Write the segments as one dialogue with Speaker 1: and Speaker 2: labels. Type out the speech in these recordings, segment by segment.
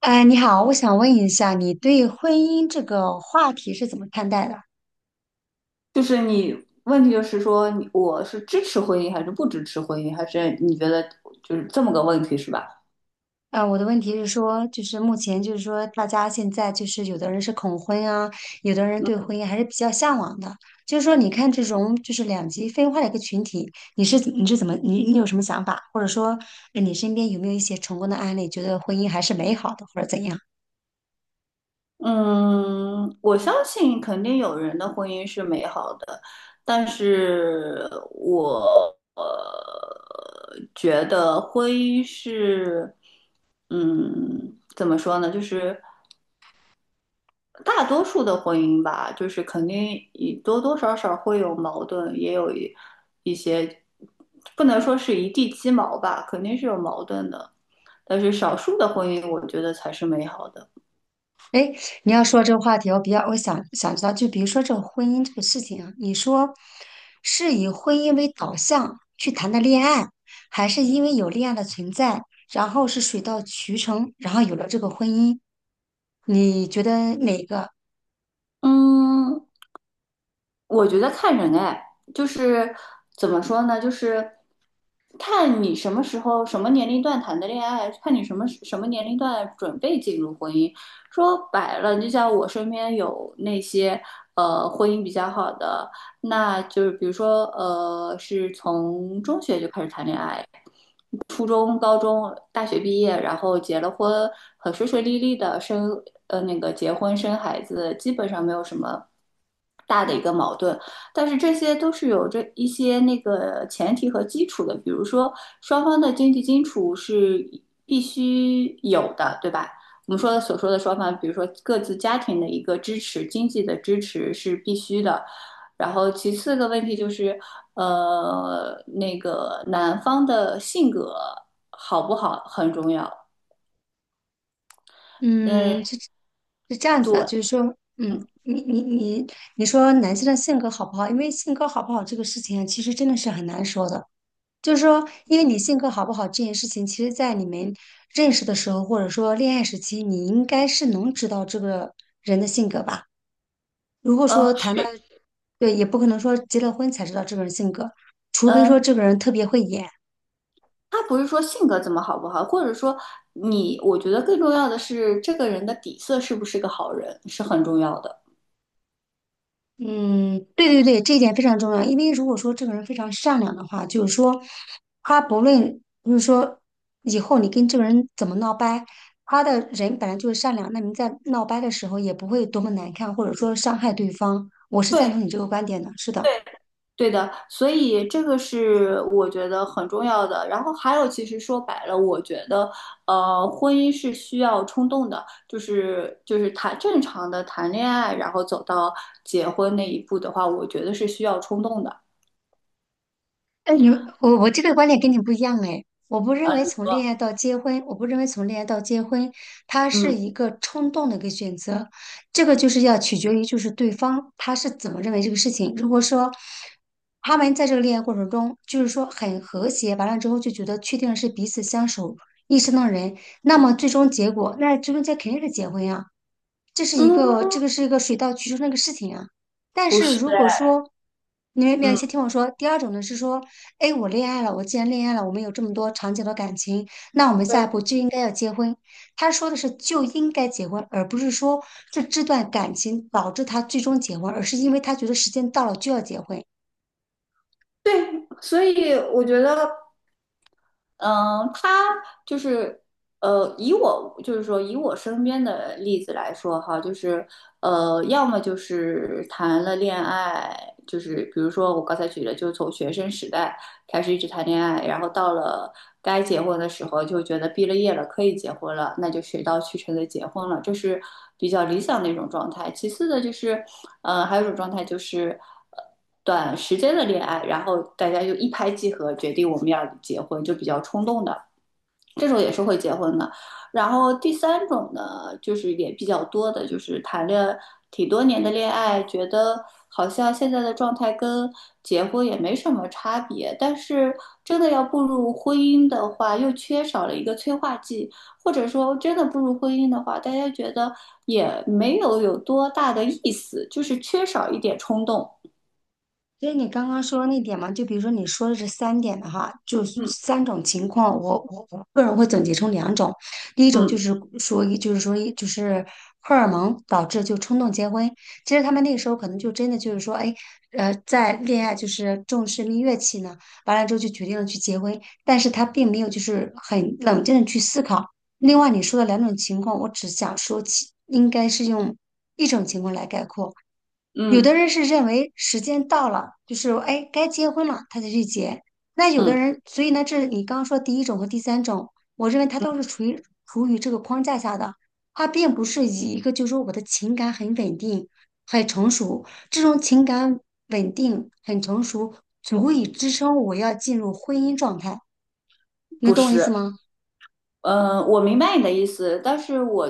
Speaker 1: 哎，你好，我想问一下，你对婚姻这个话题是怎么看待的？
Speaker 2: 就是你问题就是说你我是支持婚姻还是不支持婚姻，还是你觉得就是这么个问题是吧？
Speaker 1: 我的问题是说，就是目前就是说，大家现在就是有的人是恐婚啊，有的人对婚姻还是比较向往的。就是说，你看这种就是两极分化的一个群体，你是怎么你有什么想法？或者说，你身边有没有一些成功的案例，觉得婚姻还是美好的，或者怎样？
Speaker 2: 嗯，我相信肯定有人的婚姻是美好的，但是我觉得婚姻是，怎么说呢？就是大多数的婚姻吧，就是肯定也多多少少会有矛盾，也有一些，不能说是一地鸡毛吧，肯定是有矛盾的。但是少数的婚姻，我觉得才是美好的。
Speaker 1: 哎，诶你要说这个话题，我比较我想想知道，就比如说这个婚姻这个事情啊，你说是以婚姻为导向去谈的恋爱，还是因为有恋爱的存在，然后是水到渠成，然后有了这个婚姻，你觉得哪个？
Speaker 2: 嗯，我觉得看人哎，就是怎么说呢，就是看你什么时候、什么年龄段谈的恋爱，看你什么年龄段准备进入婚姻。说白了，就像我身边有那些婚姻比较好的，那就是比如说是从中学就开始谈恋爱，初中、高中、大学毕业，然后结了婚，很顺顺利利的生呃那个结婚生孩子，基本上没有什么大的一个矛盾。但是这些都是有着一些那个前提和基础的，比如说双方的经济基础是必须有的，对吧？我们说的所说的双方，比如说各自家庭的一个支持，经济的支持是必须的，然后其次的问题就是，那个男方的性格好不好很重要。嗯，
Speaker 1: 嗯，是是这样子
Speaker 2: 对，
Speaker 1: 的，就是说。嗯，
Speaker 2: 嗯
Speaker 1: 你说男性的性格好不好？因为性格好不好这个事情啊，其实真的是很难说的。就是说，因为你性格好不好这件事情，其实在你们认识的时候，或者说恋爱时期，你应该是能知道这个人的性格吧。如果
Speaker 2: 嗯，
Speaker 1: 说谈的，
Speaker 2: 是，
Speaker 1: 对，也不可能说结了婚才知道这个人性格，除非说
Speaker 2: 嗯，
Speaker 1: 这个人特别会演。
Speaker 2: 他不是说性格怎么好不好，或者说我觉得更重要的是这个人的底色是不是个好人是很重要的。
Speaker 1: 嗯，对对对，这一点非常重要。因为如果说这个人非常善良的话，就是说，他不论就是说以后你跟这个人怎么闹掰，他的人本来就是善良，那你在闹掰的时候也不会多么难看，或者说伤害对方。我是赞
Speaker 2: 对，
Speaker 1: 同你这个观点的，是的。
Speaker 2: 对。对的，所以这个是我觉得很重要的。然后还有，其实说白了，我觉得，婚姻是需要冲动的，就是谈正常的谈恋爱，然后走到结婚那一步的话，我觉得是需要冲动的。
Speaker 1: 但你我这个观点跟你不一样哎，我不认为从恋爱到结婚，它是
Speaker 2: 嗯
Speaker 1: 一个冲动的一个选择，这个就是要取决于就是对方他是怎么认为这个事情。如果说他们在这个恋爱过程中，就是说很和谐，完了之后就觉得确定是彼此相守一生的人，那么最终结果，那最终结肯定是结婚呀、这是一个
Speaker 2: 嗯，
Speaker 1: 这个是一个水到渠成的一个事情啊。但
Speaker 2: 不
Speaker 1: 是
Speaker 2: 是，
Speaker 1: 如果说你们
Speaker 2: 嗯，
Speaker 1: 先听我说，第二种呢是说，哎，我恋爱了，我既然恋爱了，我们有这么多长久的感情，那我们下一
Speaker 2: 对
Speaker 1: 步就应该要结婚。他说的是就应该结婚，而不是说这段感情导致他最终结婚，而是因为他觉得时间到了就要结婚。
Speaker 2: 对，所以我觉得。嗯，他就是，以我就是说，以我身边的例子来说哈，就是，要么就是谈了恋爱，就是比如说我刚才举的，就是从学生时代，开始一直谈恋爱，然后到了该结婚的时候，就觉得毕了业了可以结婚了，那就水到渠成的结婚了，这是比较理想的一种状态。其次的就是，还有一种状态就是呃短时间的恋爱，然后大家就一拍即合，决定我们要结婚，就比较冲动的。这种也是会结婚的。然后第三种呢，就是也比较多的，就是谈了挺多年的恋爱，觉得好像现在的状态跟结婚也没什么差别，但是真的要步入婚姻的话，又缺少了一个催化剂，或者说真的步入婚姻的话，大家觉得也没有有多大的意思，就是缺少一点冲动。
Speaker 1: 所以你刚刚说的那点嘛，就比如说你说的这三点的哈，就是
Speaker 2: 嗯
Speaker 1: 三种情况，我个人会总结成两种，第一种就
Speaker 2: 嗯
Speaker 1: 是说一，就是说一，就是荷尔蒙导致就冲动结婚，其实他们那个时候可能就真的就是说，哎，在恋爱就是重视蜜月期呢，完了之后就决定了去结婚，但是他并没有就是很冷静的去思考。另外你说的两种情况，我只想说其应该是用一种情况来概括。有
Speaker 2: 嗯
Speaker 1: 的人是认为时间到了，就是哎该结婚了，他才去结。那有的
Speaker 2: 嗯，
Speaker 1: 人，所以呢，这是你刚刚说第一种和第三种，我认为他都是处于这个框架下的，他并不是以一个就是说我的情感很稳定、很成熟，这种情感稳定、很成熟，足以支撑我要进入婚姻状态。能
Speaker 2: 不
Speaker 1: 懂我意
Speaker 2: 是。
Speaker 1: 思吗？
Speaker 2: 嗯，我明白你的意思，但是我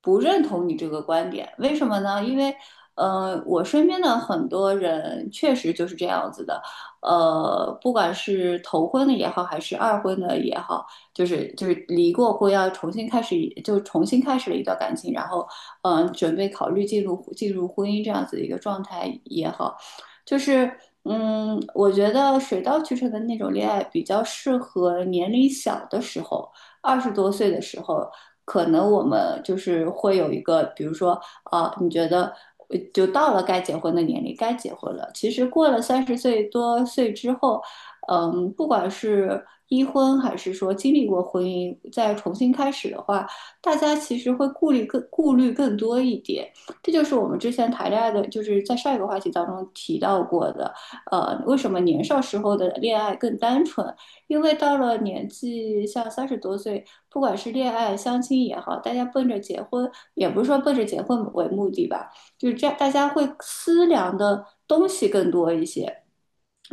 Speaker 2: 不认同你这个观点。为什么呢？因为，我身边的很多人确实就是这样子的。不管是头婚的也好，还是二婚的也好，就是离过婚，要重新开始了一段感情，然后，准备考虑进入婚姻这样子的一个状态也好，就是。我觉得水到渠成的那种恋爱比较适合年龄小的时候，二十多岁的时候，可能我们就是会有一个，比如说，啊，你觉得就到了该结婚的年龄，该结婚了。其实过了三十岁多岁之后，不管是一婚还是说经历过婚姻再重新开始的话，大家其实会顾虑更多一点。这就是我们之前谈恋爱的，就是在上一个话题当中提到过的，为什么年少时候的恋爱更单纯？因为到了年纪像三十多岁，不管是恋爱、相亲也好，大家奔着结婚，也不是说奔着结婚为目的吧，就是这样，大家会思量的东西更多一些。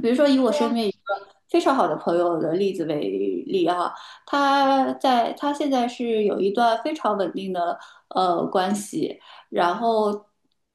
Speaker 2: 比如说，以我
Speaker 1: 对
Speaker 2: 身
Speaker 1: 呀，
Speaker 2: 边一个非常好的朋友的例子为例啊，他现在是有一段非常稳定的关系，然后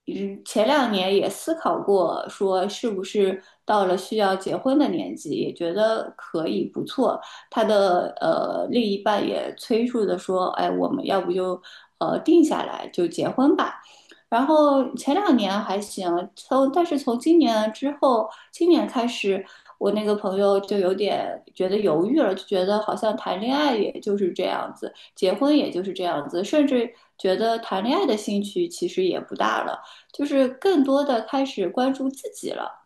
Speaker 2: 前两年也思考过说是不是到了需要结婚的年纪，也觉得可以不错。他的另一半也催促的说，哎，我们要不就定下来就结婚吧。然后前两年还行，但是从今年之后，今年开始，我那个朋友就有点觉得犹豫了，就觉得好像谈恋爱也就是这样子，结婚也就是这样子，甚至觉得谈恋爱的兴趣其实也不大了，就是更多的开始关注自己了。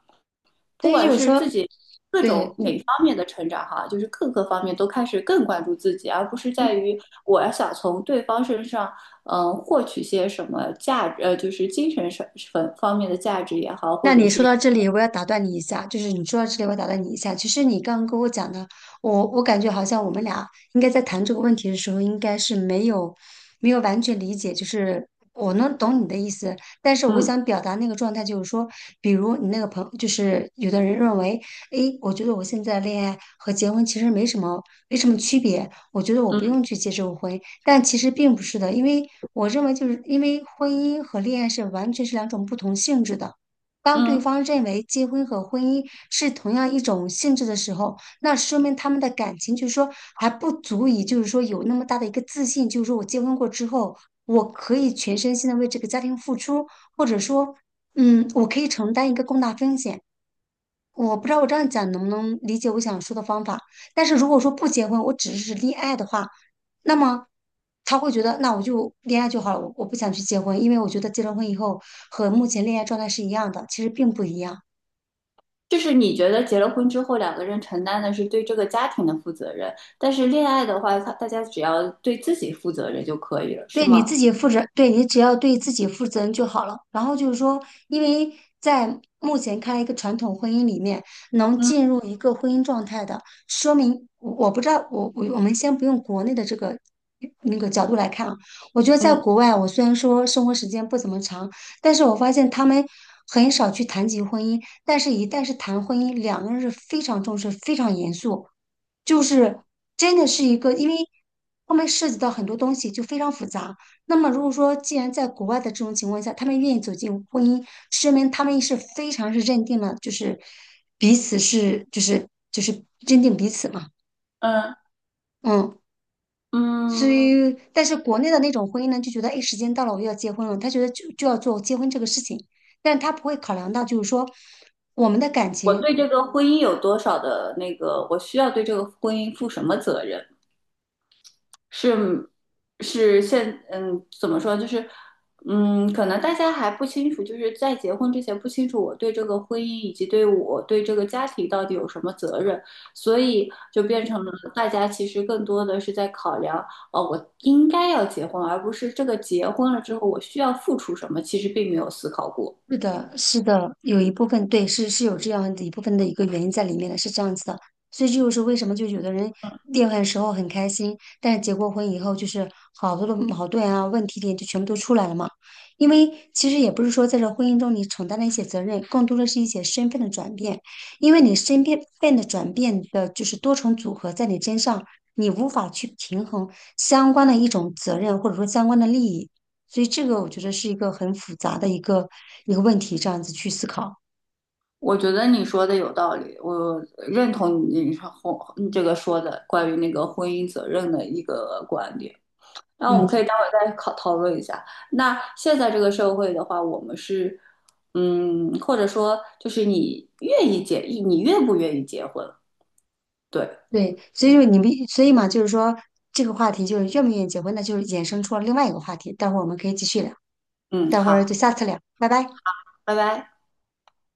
Speaker 1: 所
Speaker 2: 不
Speaker 1: 以
Speaker 2: 管
Speaker 1: 就是
Speaker 2: 是
Speaker 1: 说，
Speaker 2: 自己各种
Speaker 1: 对，
Speaker 2: 哪方面的成长哈，就是各个方面都开始更关注自己，而不是在于我要想从对方身上，获取些什么价值，就是精神上方方面的价值也好，或
Speaker 1: 那
Speaker 2: 者
Speaker 1: 你说
Speaker 2: 是
Speaker 1: 到这里，我要打断你一下，就是你说到这里，我要打断你一下。其实你刚刚跟我讲的，我感觉好像我们俩应该在谈这个问题的时候，应该是没有完全理解，就是我能懂你的意思，但是我
Speaker 2: 嗯
Speaker 1: 想表达那个状态就是说，比如你那个朋友就是有的人认为，诶，我觉得我现在的恋爱和结婚其实没什么区别，我觉得我不
Speaker 2: 嗯
Speaker 1: 用去结这个婚，但其实并不是的，因为我认为就是因为婚姻和恋爱是完全是两种不同性质的。当对
Speaker 2: 嗯，
Speaker 1: 方认为结婚和婚姻是同样一种性质的时候，那说明他们的感情就是说还不足以，就是说有那么大的一个自信，就是说我结婚过之后，我可以全身心的为这个家庭付出，或者说，嗯，我可以承担一个更大风险。我不知道我这样讲能不能理解我想说的方法，但是如果说不结婚，我只是恋爱的话，那么他会觉得，那我就恋爱就好了，我不想去结婚，因为我觉得结了婚以后和目前恋爱状态是一样的，其实并不一样。
Speaker 2: 就是你觉得结了婚之后两个人承担的是对这个家庭的负责任，但是恋爱的话，大家只要对自己负责任就可以了，是
Speaker 1: 对你
Speaker 2: 吗？
Speaker 1: 自己负责，你只要对自己负责任就好了。然后就是说，因为在目前看来，一个传统婚姻里面，能进
Speaker 2: 嗯
Speaker 1: 入一个婚姻状态的，说明我我不知道，我我我们先不用国内的这个那个角度来看啊，我觉得在
Speaker 2: 嗯
Speaker 1: 国外，我虽然说生活时间不怎么长，但是我发现他们很少去谈及婚姻，但是一旦是谈婚姻，两个人是非常重视、非常严肃。就是真的是一个，因为后面涉及到很多东西，就非常复杂。那么如果说既然在国外的这种情况下，他们愿意走进婚姻，说明他们是非常是认定了，就是彼此是就是就是认定彼此嘛，
Speaker 2: 嗯
Speaker 1: 嗯。所
Speaker 2: 嗯。
Speaker 1: 以，但是国内的那种婚姻呢，就觉得哎，诶时间到了，我要结婚了，他觉得就要做结婚这个事情，但是他不会考量到就是说我们的感
Speaker 2: 我
Speaker 1: 情。
Speaker 2: 对这个婚姻有多少的那个，我需要对这个婚姻负什么责任？是，是，怎么说？就是可能大家还不清楚，就是在结婚之前不清楚我对这个婚姻以及对这个家庭到底有什么责任，所以就变成了大家其实更多的是在考量，哦，我应该要结婚，而不是这个结婚了之后我需要付出什么，其实并没有思考过。
Speaker 1: 是的，是的，有一部分对是有这样的一部分的一个原因在里面的，是这样子的。所以这就是为什么就有的人恋爱的时候很开心，但是结过婚以后就是好多的矛盾啊、问题点就全部都出来了嘛。因为其实也不是说在这婚姻中你承担了一些责任，更多的是一些身份的转变，因为你身边份的转变的就是多重组合在你身上，你无法去平衡相关的一种责任或者说相关的利益。所以这个我觉得是一个很复杂的一个问题，这样子去思考。
Speaker 2: 我觉得你说的有道理，我认同你说婚这个说的关于那个婚姻责任的一个观点。那我
Speaker 1: 嗯，
Speaker 2: 们可以待会儿再讨论一下。那现在这个社会的话，我们是，或者说就是你愿不愿意结婚？对，
Speaker 1: 对，所以嘛，就是说这个话题就是愿不愿意结婚，那就是衍生出了另外一个话题，待会儿我们可以继续聊，
Speaker 2: 嗯，
Speaker 1: 待会儿就
Speaker 2: 好，
Speaker 1: 下次聊，拜拜。
Speaker 2: 拜拜。